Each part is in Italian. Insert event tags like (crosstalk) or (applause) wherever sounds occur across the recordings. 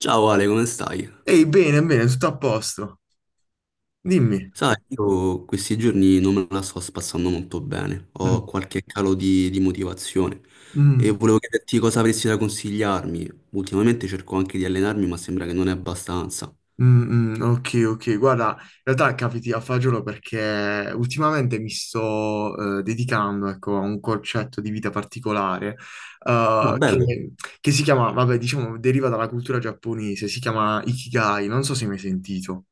Ciao Ale, come stai? Ehi, bene, bene, tutto a posto. Dimmi. Sai, io questi giorni non me la sto spassando molto bene, ho Mm, qualche calo di motivazione e mm, volevo chiederti cosa avresti da consigliarmi. Ultimamente cerco anche di allenarmi, ma sembra che non è abbastanza. mm, mm, ok, ok. Guarda, in realtà capiti a fagiolo perché ultimamente mi sto dedicando, ecco, a un concetto di vita particolare Ah, eh, bello. che, che si chiama, vabbè, diciamo, deriva dalla cultura giapponese, si chiama Ikigai, non so se mi hai sentito.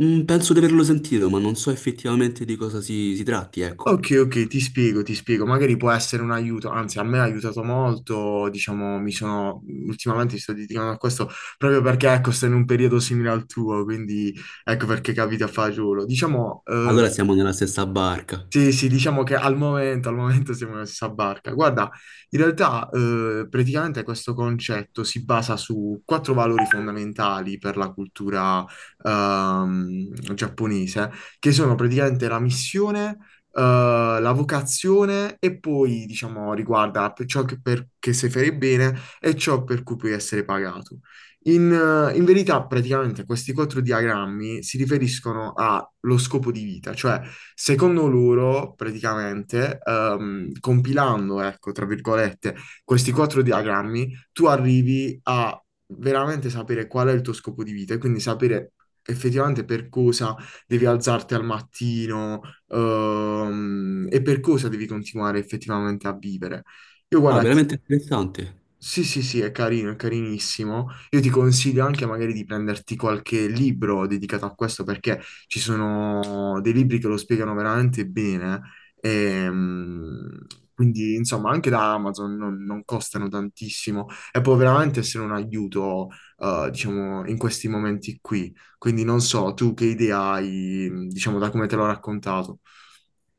Mm, penso di averlo sentito, ma non so effettivamente di cosa si tratti, ecco. Ok, ok, ti spiego, ti spiego. Magari può essere un aiuto, anzi, a me ha aiutato molto, diciamo, mi sono, ultimamente mi sto dedicando a questo proprio perché, ecco, sto in un periodo simile al tuo, quindi ecco perché capita a fagiolo. Diciamo, Allora Mm. siamo nella stessa barca. Sì, sì, diciamo che al momento siamo nella stessa barca. Guarda, in realtà praticamente questo concetto si basa su quattro valori fondamentali per la cultura giapponese, che sono praticamente la missione, la vocazione e poi, diciamo, riguarda per ciò che, che se fai bene e ciò per cui puoi essere pagato. In verità, praticamente, questi quattro diagrammi si riferiscono allo scopo di vita, cioè, secondo loro, praticamente, compilando, ecco, tra virgolette, questi quattro diagrammi, tu arrivi a veramente sapere qual è il tuo scopo di vita e quindi sapere effettivamente per cosa devi alzarti al mattino, e per cosa devi continuare effettivamente a vivere. Io, Ah, guarda, veramente interessante. sì, sì, sì, è carino, è carinissimo. Io ti consiglio anche magari di prenderti qualche libro dedicato a questo perché ci sono dei libri che lo spiegano veramente bene. Ehm, quindi, insomma, anche da Amazon non costano tantissimo e può veramente essere un aiuto, diciamo, in questi momenti qui. Quindi non so, tu che idea hai, diciamo, da come te l'ho raccontato.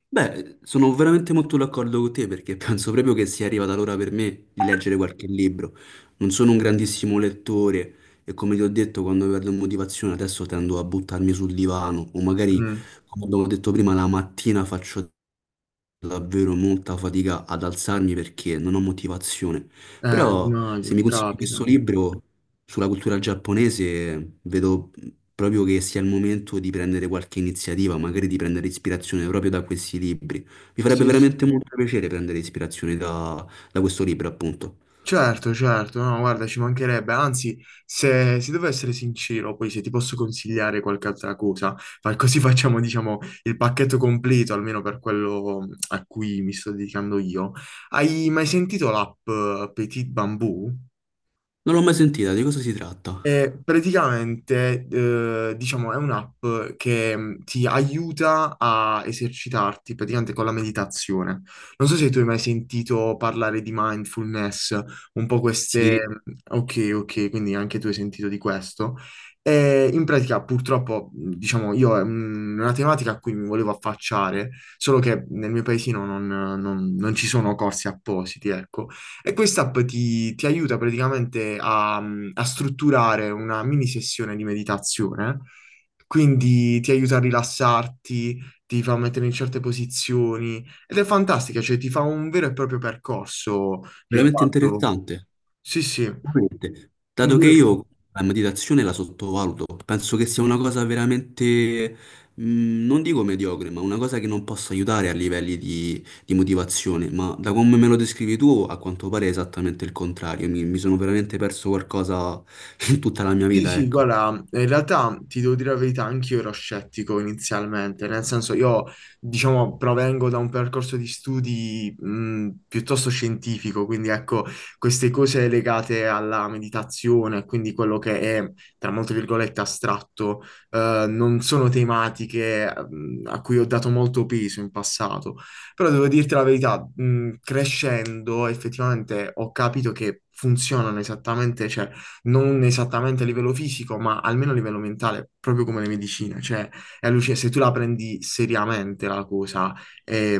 Beh, sono veramente molto d'accordo con te perché penso proprio che sia arrivata l'ora per me di leggere qualche libro. Non sono un grandissimo lettore e come ti ho detto, quando perdo motivazione adesso tendo a buttarmi sul divano o magari, Mm. come abbiamo detto prima, la mattina faccio davvero molta fatica ad alzarmi perché non ho motivazione. Però No, se mi consigli questo capita. libro sulla cultura giapponese, vedo proprio che sia il momento di prendere qualche iniziativa, magari di prendere ispirazione proprio da questi libri. Mi farebbe veramente molto piacere prendere ispirazione da questo libro, appunto. Certo, certo, no, guarda, ci mancherebbe. Anzi, se devo essere sincero, poi se ti posso consigliare qualche altra cosa, così facciamo, diciamo, il pacchetto completo, almeno per quello a cui mi sto dedicando io. Hai mai sentito l'app Petit Bamboo? Non l'ho mai sentita, di cosa si tratta? Praticamente, diciamo, è un'app che ti aiuta a esercitarti praticamente con la meditazione. Non so se tu hai mai sentito parlare di mindfulness, un po' queste. Sì, Mhmm. Ok, ok, quindi anche tu hai sentito di questo. E in pratica, purtroppo, diciamo, io è una tematica a cui mi volevo affacciare, solo che nel mio paesino non ci sono corsi appositi, ecco. E quest'app ti aiuta praticamente a strutturare una mini sessione di meditazione, quindi ti aiuta a rilassarti, ti fa mettere in certe posizioni ed è fantastica, cioè ti fa un vero e proprio percorso veramente riguardo. interessante. Sì, sì, Veramente. un Dato che vero e proprio. io la meditazione la sottovaluto, penso che sia una cosa veramente, non dico mediocre, ma una cosa che non possa aiutare a livelli di motivazione. Ma da come me lo descrivi tu, a quanto pare è esattamente il contrario. Mi sono veramente perso qualcosa (laughs) in tutta la mia Sì, vita, sì, ecco. guarda, in realtà ti devo dire la verità, anch'io ero scettico inizialmente, nel senso io, diciamo, provengo da un percorso di studi piuttosto scientifico, quindi ecco, queste cose legate alla meditazione, quindi quello che è, tra molte virgolette, astratto, non sono tematiche a cui ho dato molto peso in passato, però devo dirti la verità, crescendo effettivamente ho capito che funzionano esattamente, cioè non esattamente a livello fisico, ma almeno a livello mentale, proprio come le medicine. Cioè, se tu la prendi seriamente la cosa, è,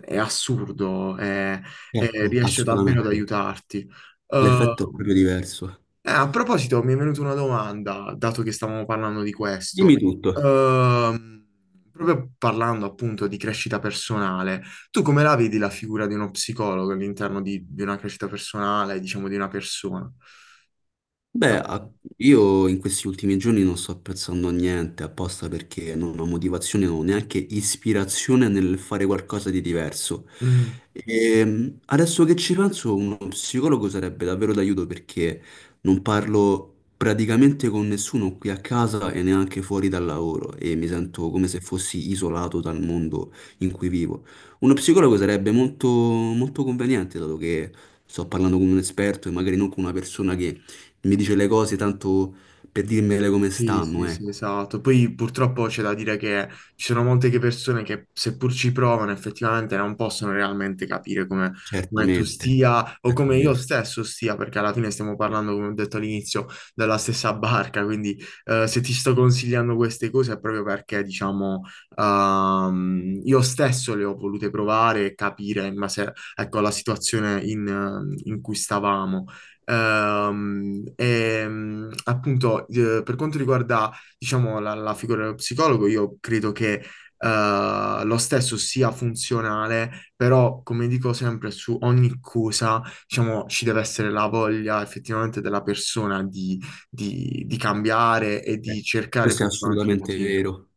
è assurdo, Certo, riesce davvero ad assolutamente. aiutarti. L'effetto è Eh, proprio diverso. a proposito, mi è venuta una domanda, dato che stavamo parlando di questo. Dimmi tutto. Ehm, proprio parlando appunto di crescita personale, tu come la vedi la figura di uno psicologo all'interno di una crescita personale, diciamo di una persona? Beh, io in questi ultimi giorni non sto apprezzando niente apposta perché non ho motivazione, non ho neanche ispirazione nel fare qualcosa di diverso. Mm. Adesso che ci penso, uno psicologo sarebbe davvero d'aiuto perché non parlo praticamente con nessuno qui a casa e neanche fuori dal lavoro e mi sento come se fossi isolato dal mondo in cui vivo. Uno psicologo sarebbe molto, molto conveniente, dato che sto parlando con un esperto e magari non con una persona che mi dice le cose tanto per dirmele come Sì, stanno, sì, sì, ecco. esatto. Poi purtroppo c'è da dire che ci sono molte che persone che seppur ci provano effettivamente non possono realmente capire come tu Certamente, stia o come io certamente. stesso stia, perché alla fine stiamo parlando, come ho detto all'inizio, dalla stessa barca, quindi se ti sto consigliando queste cose è proprio perché, diciamo, io stesso le ho volute provare e capire in base, ecco, alla situazione in cui stavamo. Appunto, per quanto riguarda, diciamo, la figura dello psicologo, io credo che lo stesso sia funzionale, però, come dico sempre, su ogni cosa, diciamo, ci deve essere la voglia effettivamente della persona di, di cambiare e Eh, di cercare Questo è effettivamente un assolutamente motivo. vero.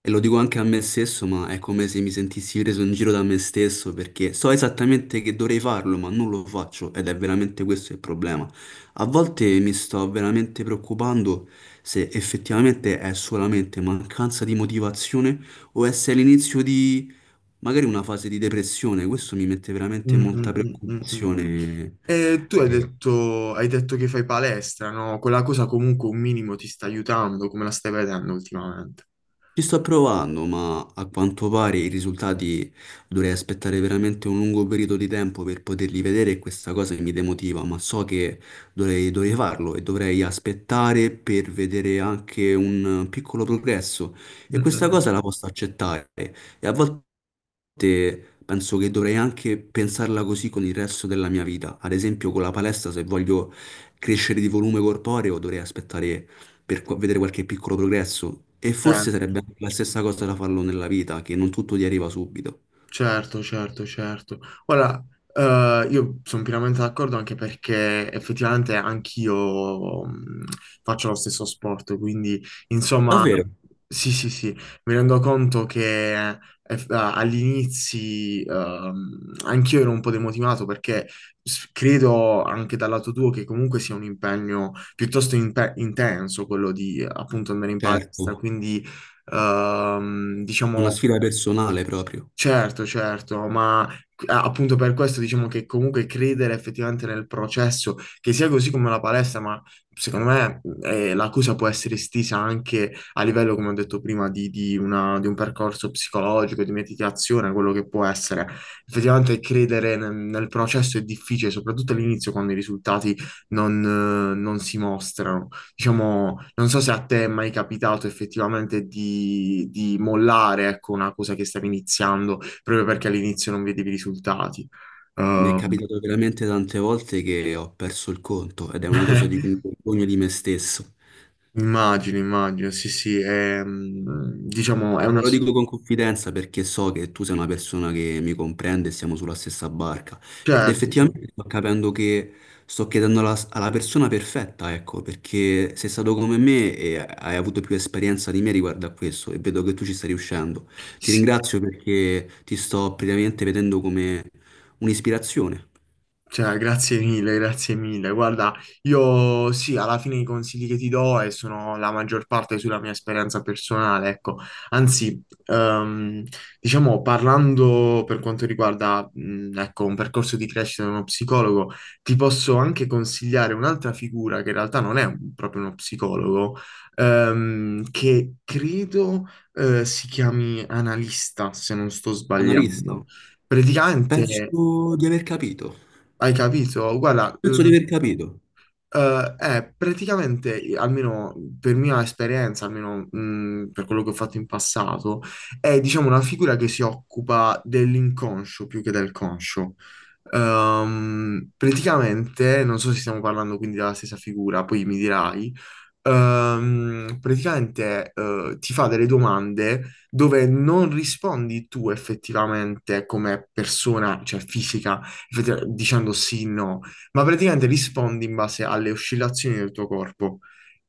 E lo dico anche a me stesso, ma è come se mi sentissi preso in giro da me stesso perché so esattamente che dovrei farlo, ma non lo faccio ed è veramente questo il problema. A volte mi sto veramente preoccupando se effettivamente è solamente mancanza di motivazione o è se è l'inizio di magari una fase di depressione, questo mi mette veramente Mm, mm, molta mm, mm, mm. preoccupazione. E tu hai E detto, hai detto che fai palestra, no? Quella cosa comunque un minimo ti sta aiutando, come la stai vedendo ultimamente? ci sto provando, ma a quanto pare i risultati dovrei aspettare veramente un lungo periodo di tempo per poterli vedere e questa cosa mi demotiva, ma so che dovrei farlo e dovrei aspettare per vedere anche un piccolo progresso e Mm, mm, questa mm. cosa la posso accettare. E a volte penso che dovrei anche pensarla così con il resto della mia vita. Ad esempio, con la palestra, se voglio crescere di volume corporeo, dovrei aspettare per vedere qualche piccolo progresso. E forse Certo, sarebbe sì. anche la stessa cosa da farlo nella vita, che non tutto ti arriva subito. Certo, certo, certo. Ora, io sono pienamente d'accordo anche perché effettivamente anch'io faccio lo stesso sport, quindi insomma, sì, sì, sì, mi rendo conto che agli inizi anch'io ero un po' demotivato perché credo anche dal lato tuo che comunque sia un impegno piuttosto intenso quello di appunto andare in palestra, Certo, quindi una diciamo. sfida personale proprio. Certo, certo, ma appunto per questo diciamo che comunque credere effettivamente nel processo, che sia così come la palestra, ma secondo me l'accusa può essere estesa anche a livello, come ho detto prima, di, di un percorso psicologico, di meditazione, quello che può essere. Effettivamente credere nel processo è difficile, soprattutto all'inizio quando i risultati non si mostrano. Diciamo, non so se a te è mai capitato effettivamente di mollare, ecco, una cosa che stavi iniziando proprio perché all'inizio non vedevi i risultati. Mi è Ehm, capitato veramente tante volte che ho perso il conto ed è una cosa di cui mi (laughs) vergogno di me stesso. Immagino, immagino, sì, sì, è, diciamo, è Ma te una lo so-. dico con confidenza perché so che tu sei una persona che mi comprende e siamo sulla stessa barca. Ed Certo, sì. effettivamente sto capendo che sto chiedendo alla persona perfetta, ecco, perché sei stato come me e hai avuto più esperienza di me riguardo a questo e vedo che tu ci stai riuscendo. Ti Sì. ringrazio perché ti sto praticamente vedendo come un'ispirazione. Cioè, grazie mille, grazie mille. Guarda, io sì, alla fine i consigli che ti do e sono la maggior parte sulla mia esperienza personale, ecco. Anzi, diciamo, parlando per quanto riguarda, ecco, un percorso di crescita di uno psicologo, ti posso anche consigliare un'altra figura che in realtà non è proprio uno psicologo, che credo, si chiami analista, se non sto Analista, sbagliando. Praticamente penso di aver capito. hai capito? Guarda, Penso di aver capito. È praticamente, almeno per mia esperienza, almeno per quello che ho fatto in passato, è diciamo una figura che si occupa dell'inconscio più che del conscio. Praticamente, non so se stiamo parlando quindi della stessa figura, poi mi dirai, praticamente ti fa delle domande dove non rispondi tu effettivamente come persona, cioè fisica effettivamente, dicendo sì, no ma praticamente rispondi in base alle oscillazioni del tuo corpo.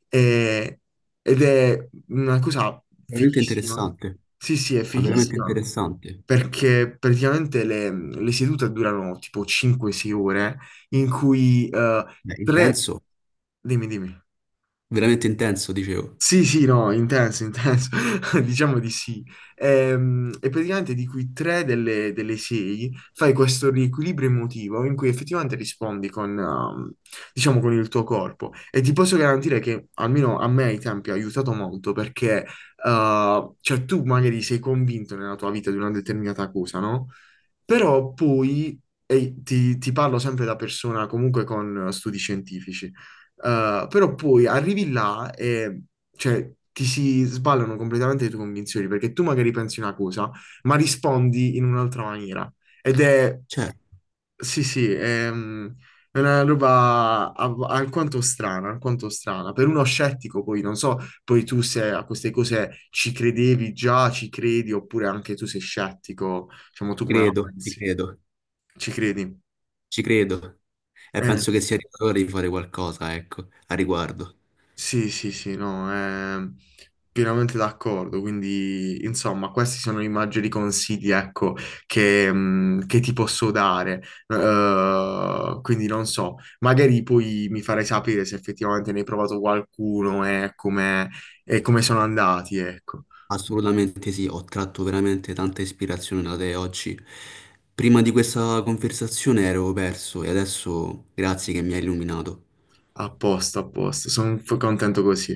E- ed è una cosa Veramente fighissima. interessante, Sì, sì, è ma veramente fighissima interessante. perché praticamente le sedute durano tipo 5-6 ore in cui Beh, tre. intenso. Dimmi, dimmi. Veramente intenso, dicevo. Sì, sì, no, intenso, intenso, (laughs) diciamo di sì. E, praticamente di cui tre delle sei fai questo riequilibrio emotivo in cui effettivamente rispondi con, diciamo, con il tuo corpo. E ti posso garantire che almeno a me ai tempi ha aiutato molto perché, cioè, tu magari sei convinto nella tua vita di una determinata cosa, no? Però poi, e ti parlo sempre da persona comunque con studi scientifici, però poi arrivi là e cioè, ti si sballano completamente le tue convinzioni perché tu magari pensi una cosa, ma rispondi in un'altra maniera. Ed è, Cioè, sì, sì, è, è una roba alquanto strana, alquanto strana. Per uno scettico poi, non so, poi tu se a queste cose ci credevi già, ci credi, oppure anche tu sei scettico, diciamo, tu ci come la credo, ci pensi? credo, Ci credi? ci credo. E Eh, penso che sia arrivato l'ora di fare qualcosa, ecco, a riguardo. sì, sì, sì, no, pienamente d'accordo. Quindi, insomma, questi sono i maggiori consigli, ecco, che ti posso dare. Quindi non so, magari poi mi farai sapere se effettivamente ne hai provato qualcuno e come sono andati, ecco. Assolutamente sì, ho tratto veramente tanta ispirazione da te oggi. Prima di questa conversazione ero perso e adesso grazie che mi hai illuminato. A posto, a posto. Sono contento così.